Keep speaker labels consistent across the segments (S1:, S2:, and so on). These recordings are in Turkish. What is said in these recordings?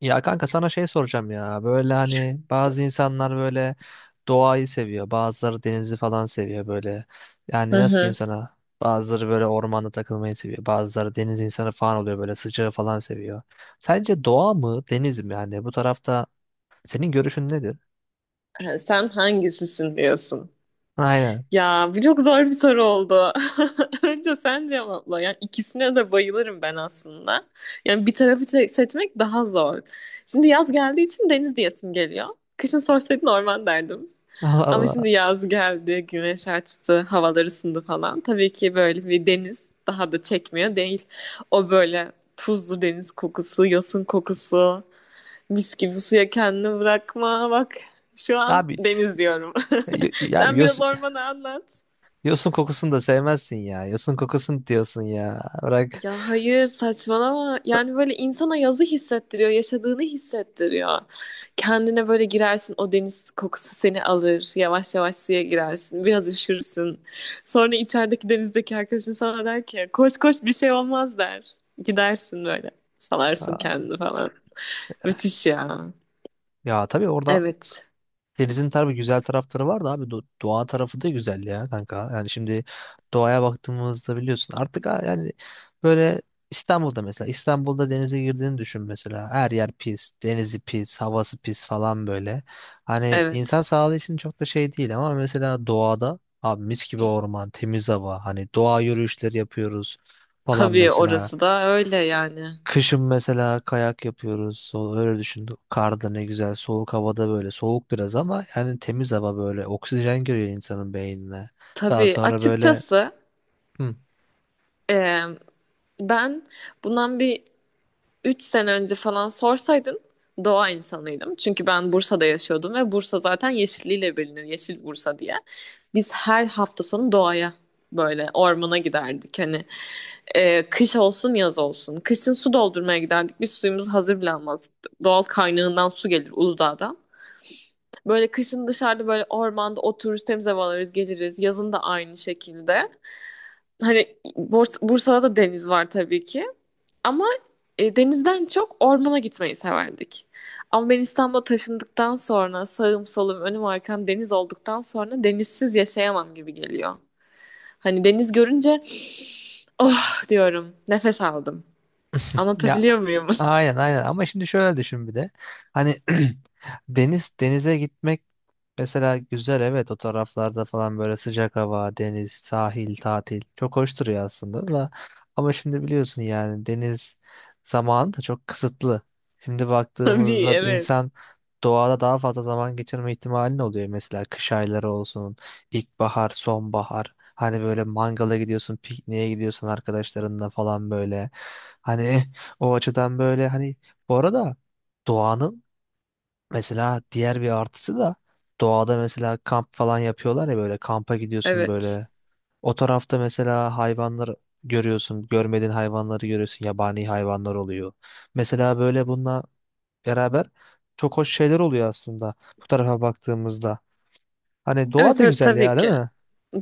S1: Ya kanka sana şey soracağım ya. Böyle hani bazı insanlar böyle doğayı seviyor. Bazıları denizi falan seviyor böyle.
S2: Hı
S1: Yani nasıl diyeyim
S2: hı.
S1: sana? Bazıları böyle ormanda takılmayı seviyor. Bazıları deniz insanı falan oluyor böyle sıcağı falan seviyor. Sence doğa mı deniz mi yani? Bu tarafta senin görüşün nedir?
S2: Ha, sen hangisisin diyorsun.
S1: Aynen.
S2: Ya bu çok zor bir soru oldu. Önce sen cevapla. Yani ikisine de bayılırım ben aslında. Yani bir tarafı seçmek daha zor. Şimdi yaz geldiği için deniz diyesim geliyor. Kışın sorsaydın orman derdim.
S1: Allah
S2: Ama şimdi
S1: Allah.
S2: yaz geldi, güneş açtı, havalar ısındı falan. Tabii ki böyle bir deniz daha da çekmiyor değil. O böyle tuzlu deniz kokusu, yosun kokusu. Mis gibi suya kendini bırakma. Bak, şu an
S1: Abi
S2: deniz diyorum.
S1: ya
S2: Sen biraz ormanı anlat.
S1: yosun kokusunu da sevmezsin ya. Yosun kokusunu diyorsun ya. Bırak.
S2: Ya hayır, saçmalama. Yani böyle insana yazı hissettiriyor, yaşadığını hissettiriyor. Kendine böyle girersin, o deniz kokusu seni alır. Yavaş yavaş suya girersin, biraz üşürsün. Sonra içerideki, denizdeki arkadaşın sana der ki koş koş bir şey olmaz der. Gidersin böyle, salarsın kendini falan. Müthiş ya.
S1: Ya tabii orada
S2: Evet,
S1: denizin tabii güzel tarafları var da abi doğa tarafı da güzel ya kanka. Yani şimdi doğaya baktığımızda biliyorsun artık yani böyle İstanbul'da mesela İstanbul'da denize girdiğini düşün mesela. Her yer pis, denizi pis, havası pis falan böyle. Hani insan
S2: evet.
S1: sağlığı için çok da şey değil ama mesela doğada abi mis gibi orman, temiz hava, hani doğa yürüyüşleri yapıyoruz falan
S2: Tabii
S1: mesela.
S2: orası da öyle yani.
S1: Kışın mesela kayak yapıyoruz. Öyle düşün. Karda ne güzel. Soğuk havada böyle. Soğuk biraz ama yani temiz hava böyle. Oksijen giriyor insanın beynine. Daha
S2: Tabii
S1: sonra böyle
S2: açıkçası,
S1: hı,
S2: e, ben bundan bir 3 sene önce falan sorsaydın doğa insanıydım. Çünkü ben Bursa'da yaşıyordum ve Bursa zaten yeşilliğiyle bilinir. Yeşil Bursa diye. Biz her hafta sonu doğaya, böyle ormana giderdik. Hani, kış olsun yaz olsun. Kışın su doldurmaya giderdik. Biz suyumuz hazır bile almazdık. Doğal kaynağından su gelir Uludağ'dan. Böyle kışın dışarıda, böyle ormanda otururuz, temiz hava alırız, geliriz. Yazın da aynı şekilde. Hani Bursa'da da deniz var tabii ki. Ama denizden çok ormana gitmeyi severdik. Ama ben İstanbul'a taşındıktan sonra, sağım solum önüm arkam deniz olduktan sonra denizsiz yaşayamam gibi geliyor. Hani deniz görünce oh diyorum, nefes aldım.
S1: Ya
S2: Anlatabiliyor muyum?
S1: aynen aynen ama şimdi şöyle düşün bir de. Hani denize gitmek mesela güzel, evet, o taraflarda falan böyle sıcak hava, deniz, sahil, tatil çok hoş duruyor aslında da ama şimdi biliyorsun yani deniz zamanı da çok kısıtlı. Şimdi
S2: Tabii,
S1: baktığımızda
S2: evet.
S1: insan doğada daha fazla zaman geçirme ihtimalin oluyor, mesela kış ayları olsun, ilkbahar, sonbahar. Hani böyle mangala gidiyorsun, pikniğe gidiyorsun arkadaşlarınla falan böyle. Hani o açıdan böyle hani, bu arada, doğanın mesela diğer bir artısı da doğada mesela kamp falan yapıyorlar ya, böyle kampa gidiyorsun
S2: Evet.
S1: böyle. O tarafta mesela hayvanlar görüyorsun, görmediğin hayvanları görüyorsun, yabani hayvanlar oluyor. Mesela böyle bununla beraber çok hoş şeyler oluyor aslında bu tarafa baktığımızda. Hani doğa
S2: Evet,
S1: da
S2: evet,
S1: güzel ya,
S2: tabii
S1: değil
S2: ki.
S1: mi?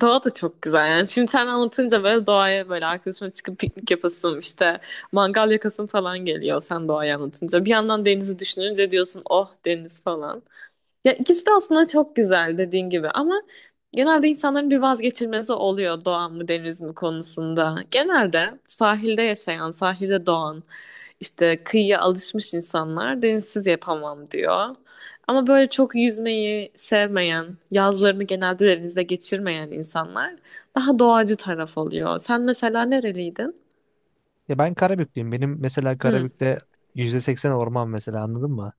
S2: Doğa da çok güzel yani. Şimdi sen anlatınca böyle doğaya, böyle arkadaşımla çıkıp piknik yapasım, işte mangal yakasım falan geliyor sen doğayı anlatınca. Bir yandan denizi düşününce diyorsun oh deniz falan. Ya ikisi de aslında çok güzel dediğin gibi ama genelde insanların bir vazgeçilmezi oluyor doğa mı deniz mi konusunda. Genelde sahilde yaşayan, sahilde doğan, işte kıyıya alışmış insanlar denizsiz yapamam diyor. Ama böyle çok yüzmeyi sevmeyen, yazlarını genelde denizde geçirmeyen insanlar daha doğacı taraf oluyor. Sen mesela nereliydin?
S1: Ya ben Karabüklüyüm. Benim mesela Karabük'te %80 orman mesela, anladın mı?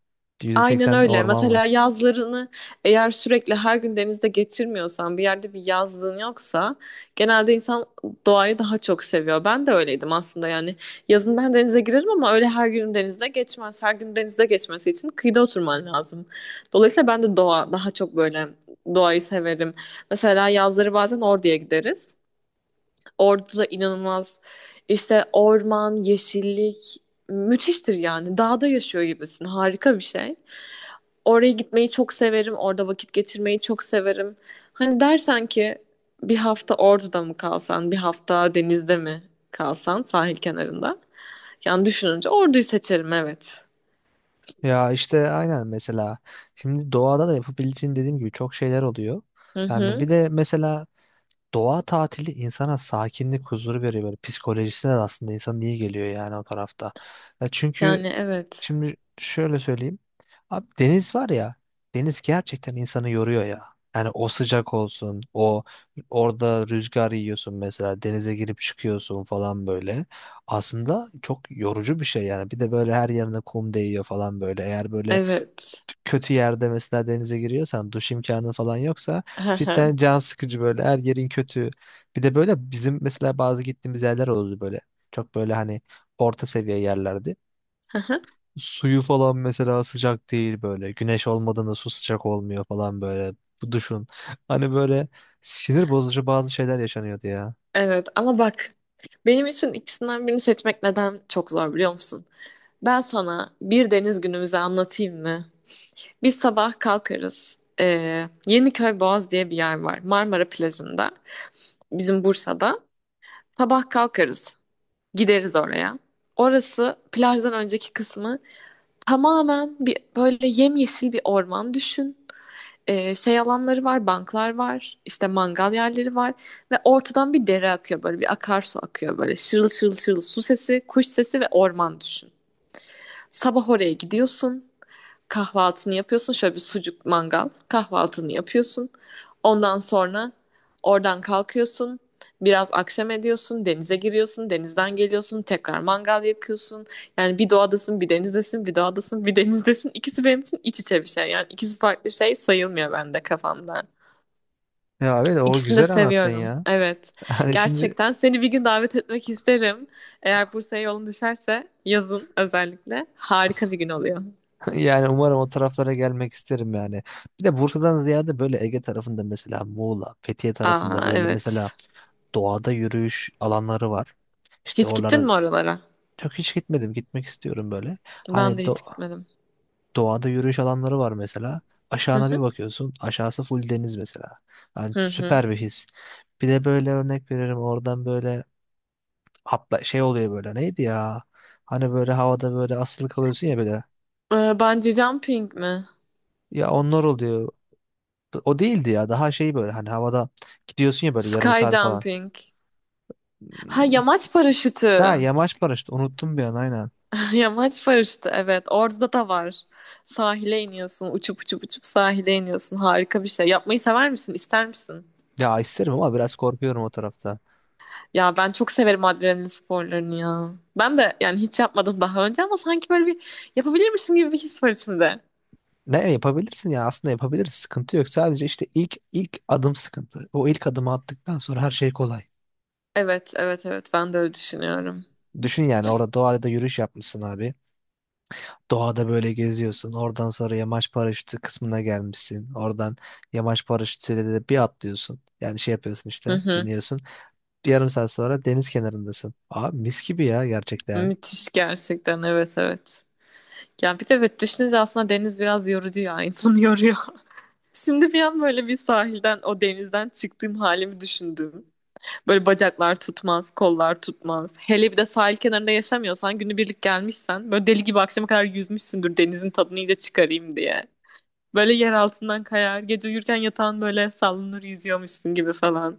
S1: yüzde
S2: Aynen
S1: seksen
S2: öyle.
S1: orman var.
S2: Mesela yazlarını eğer sürekli her gün denizde geçirmiyorsan, bir yerde bir yazlığın yoksa genelde insan doğayı daha çok seviyor. Ben de öyleydim aslında yani. Yazın ben denize girerim ama öyle her gün denizde geçmez. Her gün denizde geçmesi için kıyıda oturman lazım. Dolayısıyla ben de doğa daha çok, böyle doğayı severim. Mesela yazları bazen Ordu'ya gideriz. Orada da inanılmaz, işte orman, yeşillik müthiştir yani. Dağda yaşıyor gibisin. Harika bir şey. Oraya gitmeyi çok severim. Orada vakit geçirmeyi çok severim. Hani dersen ki bir hafta Ordu'da mı kalsan, bir hafta denizde mi kalsan sahil kenarında? Yani düşününce Ordu'yu seçerim, evet.
S1: Ya işte aynen, mesela şimdi doğada da yapabileceğin dediğim gibi çok şeyler oluyor.
S2: Hı
S1: Yani
S2: hı.
S1: bir de mesela doğa tatili insana sakinlik, huzur veriyor, böyle psikolojisine de aslında insan iyi geliyor yani o tarafta. Ya çünkü
S2: Yani evet.
S1: şimdi şöyle söyleyeyim. Abi deniz var ya, deniz gerçekten insanı yoruyor ya. Yani o sıcak olsun, o orada rüzgar yiyorsun, mesela denize girip çıkıyorsun falan böyle. Aslında çok yorucu bir şey yani. Bir de böyle her yerine kum değiyor falan böyle. Eğer böyle
S2: Evet.
S1: kötü yerde mesela denize giriyorsan, duş imkanı falan yoksa
S2: Hı hı.
S1: cidden can sıkıcı, böyle her yerin kötü. Bir de böyle bizim mesela bazı gittiğimiz yerler oldu böyle. Çok böyle hani orta seviye yerlerdi.
S2: Hı hı.
S1: Suyu falan mesela sıcak değil böyle. Güneş olmadığında su sıcak olmuyor falan böyle. Bu duşun. Hani böyle sinir bozucu bazı şeyler yaşanıyordu ya.
S2: Evet, ama bak, benim için ikisinden birini seçmek neden çok zor biliyor musun? Ben sana bir deniz günümüzü anlatayım mı? Biz sabah kalkarız. Yeniköy Boğaz diye bir yer var. Marmara plajında. Bizim Bursa'da. Sabah kalkarız. Gideriz oraya. Orası, plajdan önceki kısmı tamamen bir böyle yemyeşil bir orman düşün. Şey alanları var, banklar var, işte mangal yerleri var ve ortadan bir dere akıyor, böyle bir akarsu akıyor böyle, şırıl şırıl şırıl su sesi, kuş sesi ve orman düşün. Sabah oraya gidiyorsun, kahvaltını yapıyorsun. Şöyle bir sucuk mangal kahvaltını yapıyorsun. Ondan sonra oradan kalkıyorsun. Biraz akşam ediyorsun, denize giriyorsun, denizden geliyorsun, tekrar mangal yakıyorsun. Yani bir doğadasın, bir denizdesin, bir doğadasın, bir denizdesin. İkisi benim için iç içe bir şey. Yani ikisi farklı şey sayılmıyor bende, kafamda.
S1: Ya evet, o
S2: İkisini de
S1: güzel anlattın
S2: seviyorum.
S1: ya.
S2: Evet.
S1: Hani şimdi,
S2: Gerçekten seni bir gün davet etmek isterim. Eğer Bursa'ya yolun düşerse, yazın özellikle. Harika bir gün oluyor.
S1: yani umarım o taraflara gelmek isterim yani. Bir de Bursa'dan ziyade böyle Ege tarafında mesela Muğla, Fethiye tarafında
S2: Aa,
S1: böyle mesela
S2: evet.
S1: doğada yürüyüş alanları var. İşte
S2: Hiç
S1: oralara,
S2: gittin mi oralara?
S1: yok, hiç gitmedim. Gitmek istiyorum böyle. Hani
S2: Ben de hiç gitmedim.
S1: doğada yürüyüş alanları var mesela.
S2: Hı
S1: Aşağına bir
S2: hı.
S1: bakıyorsun. Aşağısı full deniz mesela. Yani
S2: Hı hı.
S1: süper bir his. Bir de böyle örnek veririm, oradan böyle atla şey oluyor böyle. Neydi ya? Hani böyle havada böyle asılı kalıyorsun ya böyle.
S2: Bungee jumping mi?
S1: Ya onlar oluyor. O değildi ya. Daha şey böyle hani havada gidiyorsun ya böyle, yarım
S2: Sky
S1: saat falan.
S2: jumping. Ha,
S1: Hmm.
S2: yamaç
S1: Ha,
S2: paraşütü.
S1: yamaç paraşütü. Unuttum bir an, aynen.
S2: Yamaç paraşütü, evet. Orada da var. Sahile iniyorsun. Uçup uçup uçup sahile iniyorsun. Harika bir şey. Yapmayı sever misin? İster misin?
S1: Ya isterim ama biraz korkuyorum o tarafta.
S2: Ya ben çok severim adrenalin sporlarını ya. Ben de yani hiç yapmadım daha önce ama sanki böyle bir yapabilirmişim gibi bir his var içimde.
S1: Ne yapabilirsin ya, aslında yapabiliriz. Sıkıntı yok. Sadece işte ilk adım sıkıntı. O ilk adımı attıktan sonra her şey kolay.
S2: Evet, evet, evet. Ben de öyle düşünüyorum.
S1: Düşün yani, orada doğada da yürüyüş yapmışsın abi. Doğada böyle geziyorsun. Oradan sonra yamaç paraşütü kısmına gelmişsin. Oradan yamaç paraşütüyle de bir atlıyorsun. Yani şey yapıyorsun
S2: Hı
S1: işte,
S2: hı.
S1: biniyorsun. Bir yarım saat sonra deniz kenarındasın. Aa, mis gibi ya, gerçekten.
S2: Müthiş gerçekten. Evet, evet. Ya bir de, evet, düşününce aslında deniz biraz yorucu ya, insanı yoruyor. Şimdi bir an böyle bir sahilden, o denizden çıktığım halimi düşündüm. Böyle bacaklar tutmaz, kollar tutmaz. Hele bir de sahil kenarında yaşamıyorsan, günübirlik gelmişsen, böyle deli gibi akşama kadar yüzmüşsündür denizin tadını iyice çıkarayım diye. Böyle yer altından kayar, gece uyurken yatağın böyle sallanır, yüzüyormuşsun gibi falan.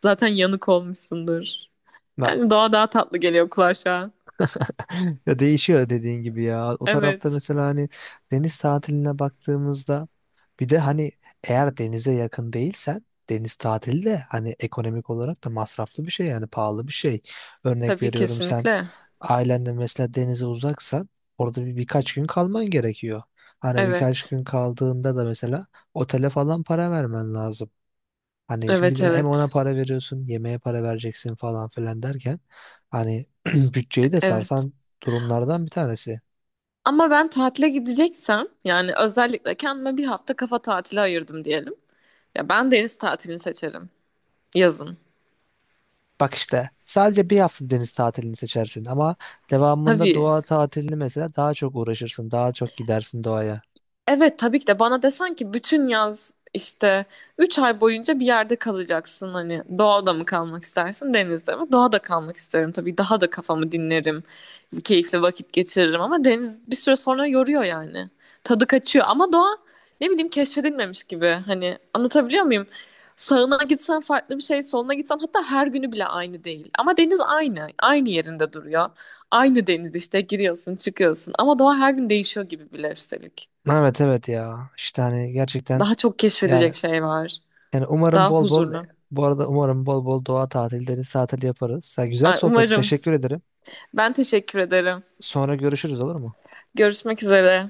S2: Zaten yanık olmuşsundur.
S1: No.
S2: Yani doğa daha tatlı geliyor kulağa şu an.
S1: Ya değişiyor dediğin gibi ya. O tarafta
S2: Evet.
S1: mesela hani deniz tatiline baktığımızda, bir de hani eğer denize yakın değilsen deniz tatili de hani ekonomik olarak da masraflı bir şey, yani pahalı bir şey. Örnek
S2: Tabii,
S1: veriyorum, sen
S2: kesinlikle.
S1: ailenle mesela denize uzaksan orada birkaç gün kalman gerekiyor. Hani birkaç
S2: Evet.
S1: gün kaldığında da mesela otele falan para vermen lazım. Hani şimdi bir
S2: Evet,
S1: de hem ona
S2: evet.
S1: para veriyorsun, yemeğe para vereceksin falan filan derken, hani bütçeyi de
S2: Evet.
S1: sarsan durumlardan bir tanesi.
S2: Ama ben tatile gideceksem, yani özellikle kendime bir hafta kafa tatili ayırdım diyelim, ya ben deniz tatilini seçerim yazın.
S1: Bak işte sadece bir hafta deniz tatilini seçersin ama devamında
S2: Tabii.
S1: doğa tatilini mesela daha çok uğraşırsın, daha çok gidersin doğaya.
S2: Evet, tabii ki de bana desen ki bütün yaz işte 3 ay boyunca bir yerde kalacaksın, hani doğada mı kalmak istersin denizde mi? Doğada kalmak isterim tabii, daha da kafamı dinlerim, keyifli vakit geçiririm ama deniz bir süre sonra yoruyor yani, tadı kaçıyor, ama doğa ne bileyim keşfedilmemiş gibi, hani anlatabiliyor muyum? Sağına gitsen farklı bir şey, soluna gitsen hatta her günü bile aynı değil ama deniz aynı, aynı yerinde duruyor, aynı deniz işte, giriyorsun çıkıyorsun, ama doğa her gün değişiyor gibi bile üstelik.
S1: Evet evet, ya işte hani gerçekten,
S2: Daha çok
S1: yani
S2: keşfedecek şey var.
S1: umarım
S2: Daha
S1: bol bol
S2: huzurlu.
S1: bu arada umarım bol bol doğa tatili, deniz tatili yaparız. Ya, güzel
S2: Ay,
S1: sohbeti
S2: umarım.
S1: teşekkür ederim.
S2: Ben teşekkür ederim.
S1: Sonra görüşürüz, olur mu?
S2: Görüşmek üzere.